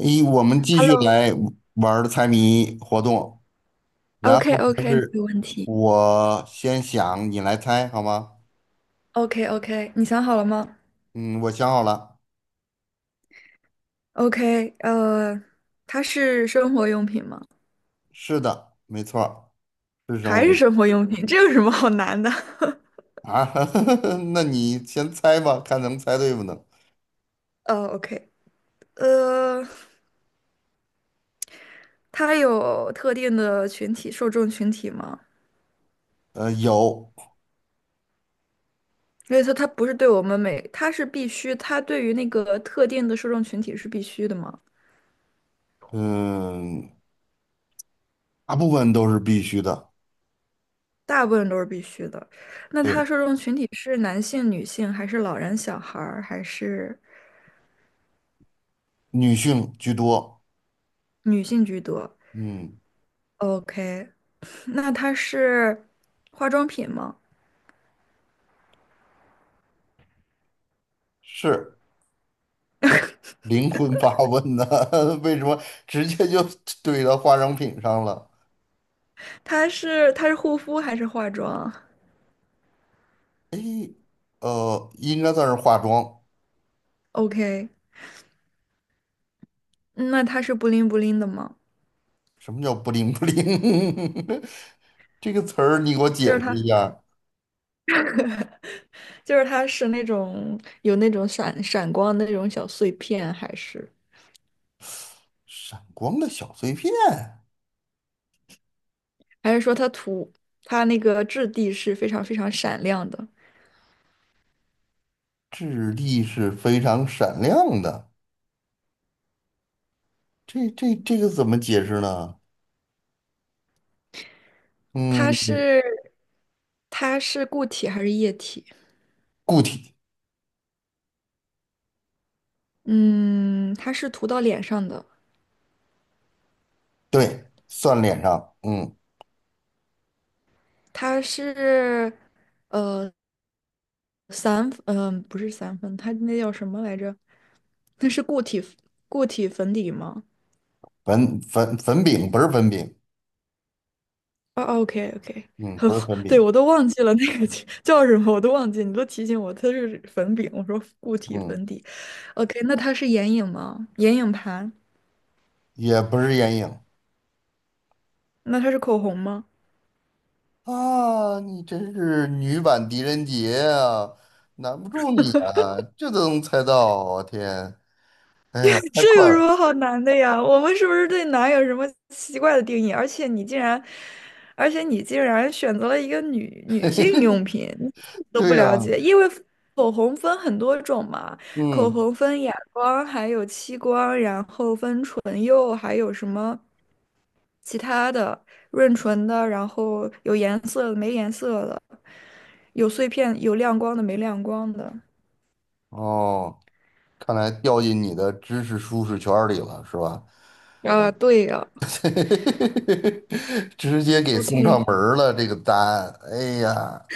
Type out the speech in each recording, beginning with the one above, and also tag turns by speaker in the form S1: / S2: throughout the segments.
S1: 一，我们继续
S2: Hello,OK
S1: 来玩儿猜谜活动。然
S2: OK，
S1: 后
S2: 没有问题。
S1: 我先想，你来猜好吗？
S2: OK，你想好了吗
S1: 嗯，我想好了。
S2: ？OK,它是生活用品吗？
S1: 是的，没错儿是生
S2: 还是
S1: 物
S2: 生活用品？这有什么好难的？
S1: 啊。那你先猜吧，看能猜对不能。
S2: OK,呃，它有特定的群体受众群体吗？
S1: 呃，有，
S2: 所以说它不是对我们每，它是必须，它对于那个特定的受众群体是必须的吗？
S1: 嗯，大部分都是必须的，
S2: 大部分都是必须的。那它
S1: 对，
S2: 受众群体是男性、女性，还是老人、小孩儿，还是
S1: 女性居多。
S2: 女性居多
S1: 嗯，
S2: ？OK,那它是化妆品吗？
S1: 是灵魂发问呢，为什么直接就怼到化妆品上了？
S2: 它是护肤还是化妆
S1: 诶，应该算是化妆。
S2: ？OK,那它是布灵布灵的吗？
S1: 什么叫不灵不灵？这个词儿你给我解
S2: 就是
S1: 释
S2: 它
S1: 一下。
S2: 就是它是那种有那种闪闪光的那种小碎片，还是
S1: 闪光的小碎片，
S2: 还是说它涂它那个质地是非常非常闪亮的？
S1: 质地是非常闪亮的。这个怎么解释呢？
S2: 它
S1: 嗯，
S2: 是它是固体还是液体？
S1: 固体，
S2: 嗯，它是涂到脸上的，
S1: 对，算脸上。嗯，
S2: 它是。呃。散，嗯、不是散粉，它那叫什么来着？那是固体粉底吗？
S1: 粉饼不是粉饼，
S2: 哦，OK，
S1: 嗯，不是粉
S2: 对，
S1: 饼，
S2: 我都忘记了那个叫叫什么，我都忘记，你都提醒我，它是粉饼，我说固体
S1: 嗯，
S2: 粉底。OK,那它是眼影吗？眼影盘？
S1: 也不是眼影。
S2: 那它是口红吗？
S1: 啊，你真是女版狄仁杰啊，难不住你啊，这都能猜到啊，我天，哎呀，太
S2: 这
S1: 快
S2: 有什
S1: 了，
S2: 么好难的呀？我们是不是对难有什么奇怪的定义？而且你竟然选择了一个女性 用品，你自己都
S1: 对
S2: 不
S1: 呀，
S2: 了解，因为口红分很多种嘛，口
S1: 嗯，
S2: 红分哑光，还有漆光，然后分唇釉，还有什么其他的润唇的，然后有颜色的，没颜色的，有碎片，有亮光的，没亮光的。
S1: 哦，看来掉进你的知识舒适圈里了，是吧？
S2: 啊，对呀
S1: 直接给送上门
S2: ，OK,
S1: 儿了，这个答案，哎呀，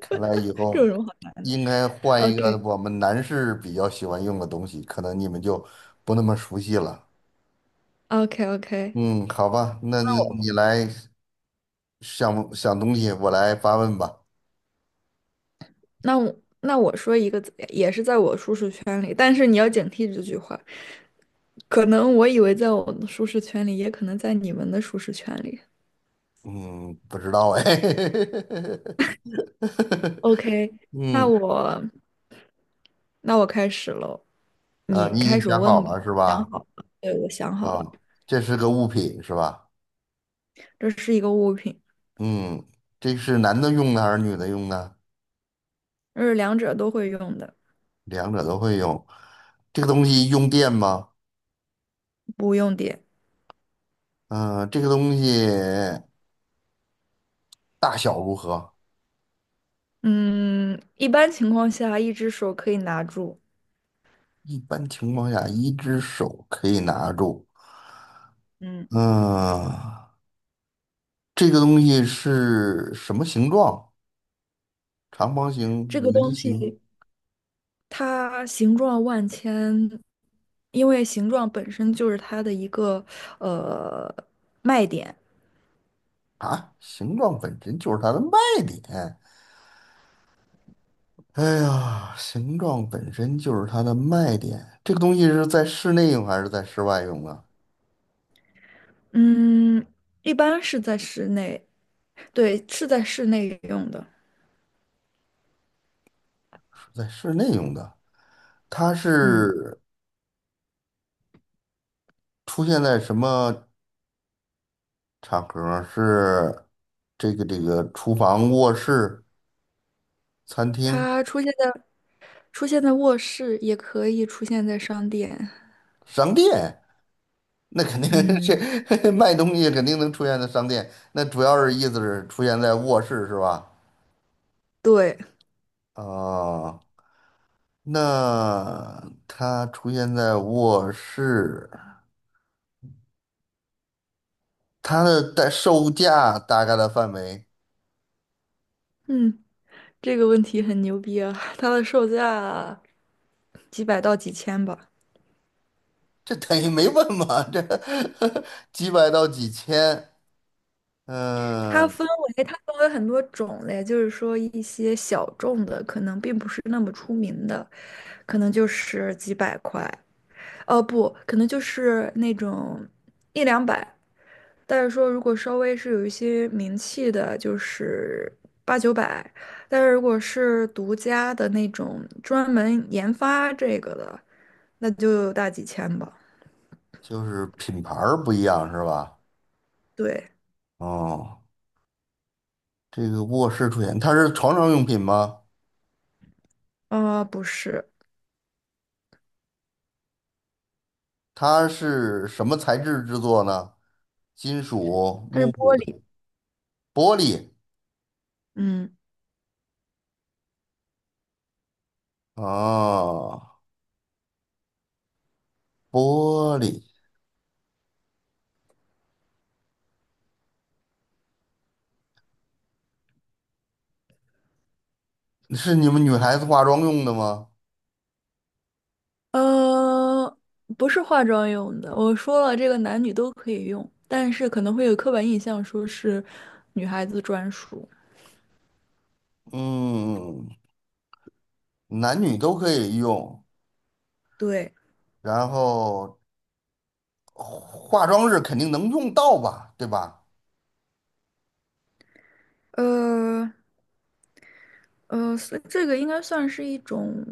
S1: 看来以
S2: 这
S1: 后
S2: 有什么好
S1: 应该换一个
S2: ？OK。
S1: 我们男士比较喜欢用的东西，可能你们就不那么熟悉了。
S2: OK，
S1: 嗯，好吧，那
S2: 那我
S1: 你来想想东西，我来发问吧。
S2: 那我说一个，也是在我舒适圈里，但是你要警惕这句话。可能我以为在我的舒适圈里，也可能在你们的舒适圈里。
S1: 嗯，不知道哎。
S2: OK,那
S1: 嗯，
S2: 我那我开始喽，
S1: 啊，
S2: 你
S1: 你已
S2: 开
S1: 经
S2: 始
S1: 想好
S2: 问吧。
S1: 了是
S2: 我想
S1: 吧？
S2: 好了，对，我想好
S1: 啊，
S2: 了，
S1: 这是个物品是吧？
S2: 这是一个物品，
S1: 嗯，这是男的用的还是女的用的？
S2: 这是两者都会用的，
S1: 两者都会用。这个东西用电吗？
S2: 不用点。
S1: 嗯，这个东西大小如何？
S2: 嗯，一般情况下，一只手可以拿住。
S1: 一般情况下，一只手可以拿住。
S2: 嗯，
S1: 嗯，这个东西是什么形状？长方形、
S2: 这个
S1: 圆
S2: 东
S1: 形？
S2: 西。它形状万千，因为形状本身就是它的一个呃卖点。
S1: 啊，形状本身就是它的卖点。哎呀，形状本身就是它的卖点。这个东西是在室内用还是在室外用啊？
S2: 嗯，一般是在室内，对，是在室内用的。
S1: 是在室内用的。它
S2: 嗯，
S1: 是出现在什么场合儿是这个厨房、卧室、餐厅、
S2: 它出现在卧室，也可以出现在商店。
S1: 商店？那肯定
S2: 嗯，
S1: 是 卖东西肯定能出现在商店。那主要是意思是出现在卧室是吧？
S2: 对，
S1: 啊、那它出现在卧室，它的代售价大概的范围，
S2: 嗯，这个问题很牛逼啊！它的售价几百到几千吧。
S1: 这等于没问嘛？这 几百到几千，
S2: 它
S1: 嗯，
S2: 分它分为很多种类，就是说一些小众的，可能并不是那么出名的，可能就是几百块，哦不，可能就是那种一两百。但是说如果稍微是有一些名气的，就是八九百。但是如果是独家的那种专门研发这个的，那就大几千吧。
S1: 就是品牌儿不一样是吧？
S2: 对，
S1: 哦，这个卧室出现，它是床上用品吗？
S2: 啊，不是，
S1: 它是什么材质制作呢？金属、
S2: 它是
S1: 木
S2: 玻
S1: 的、
S2: 璃，
S1: 玻璃
S2: 嗯。
S1: 哦，玻璃是你们女孩子化妆用的吗？
S2: 呃，不是化妆用的。我说了，这个男女都可以用，但是可能会有刻板印象，说是女孩子专属。
S1: 嗯，男女都可以用，
S2: 对，
S1: 然后化妆日肯定能用到吧，对吧？
S2: 呃所以这个应该算是一种，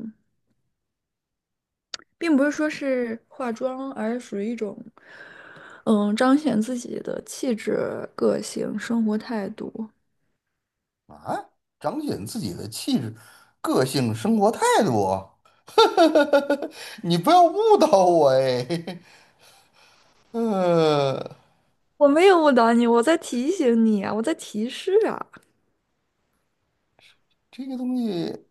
S2: 并不是说是化妆，而是属于一种，嗯，彰显自己的气质、个性、生活态度。
S1: 啊，彰显自己的气质、个性、生活态度。你不要误导我哎，呃，
S2: 我没有误导你，我在提醒你啊，我在提示啊。
S1: 这个东西，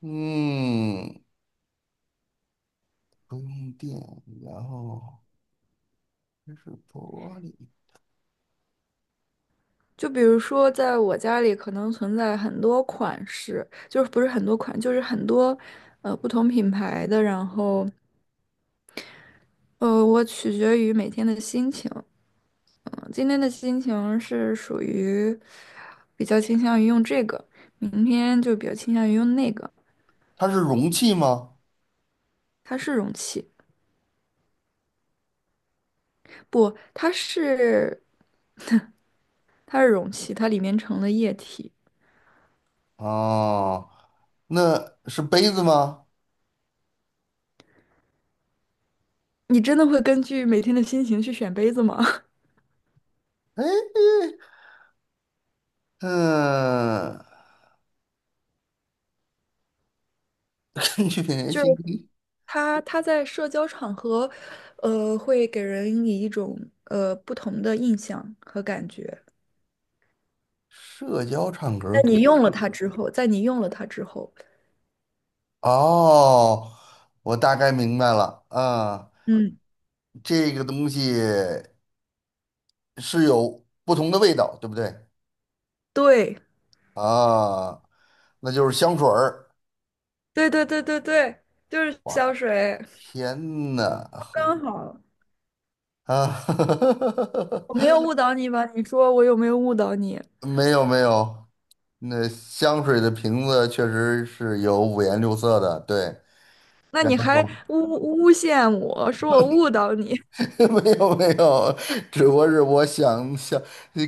S1: 嗯，不用电，然后这是玻璃，
S2: 就比如说，在我家里可能存在很多款式，就是不是很多款，就是很多不同品牌的。然后我取决于每天的心情。今天的心情是属于比较倾向于用这个，明天就比较倾向于用那个。
S1: 它是容器吗？
S2: 它是容器，不，它是容器，它里面盛的液体。
S1: 哦，那是杯子吗？
S2: 你真的会根据每天的心情去选杯子吗？
S1: 哎，嗯，根据人
S2: 就是
S1: 性。
S2: 他在社交场合，呃，会给人以一种不同的印象和感觉。
S1: 社交唱歌
S2: 在
S1: 儿
S2: 你
S1: 给
S2: 用了它之后，在你用了它之后，
S1: 哦，我大概明白了啊，
S2: 嗯，
S1: 这个东西是有不同的味道，对不对
S2: 对，
S1: 啊？那就是香水儿。
S2: 对对对对对，就是
S1: 哇，
S2: 香水，
S1: 天呐，
S2: 刚好
S1: 啊，
S2: 我没有 误导你吧？你说我有没有误导你？
S1: 没有没有，那香水的瓶子确实是有五颜六色的，对。
S2: 那
S1: 然
S2: 你还
S1: 后
S2: 诬陷我说我误导你，
S1: 没有没有，只不过是我想想，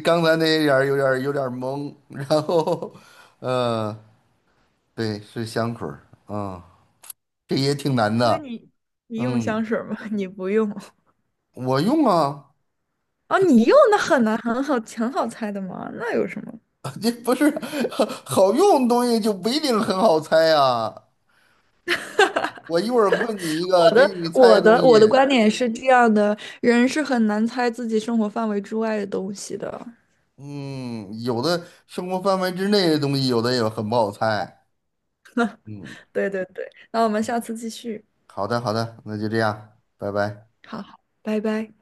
S1: 刚才那一点儿有点儿懵，然后，呃，对，是香水儿，嗯，这也挺难
S2: 所以
S1: 的，
S2: 你你用
S1: 嗯，
S2: 香水吗？你不用
S1: 我用啊，
S2: 哦，
S1: 只
S2: 你
S1: 不过
S2: 用的很难很好挺好猜的嘛，那有什么？
S1: 这不是 好用的东西就不一定很好猜啊。我一会儿问你一个，
S2: 我
S1: 给
S2: 的
S1: 你猜
S2: 我
S1: 的东
S2: 的
S1: 西，
S2: 我的观点是这样的，人是很难猜自己生活范围之外的东西的。
S1: 嗯，有的生活范围之内的东西，有的也很不好猜，嗯，
S2: 对对对，那我们下次继续。
S1: 好的好的，那就这样，拜拜。
S2: 好，拜拜。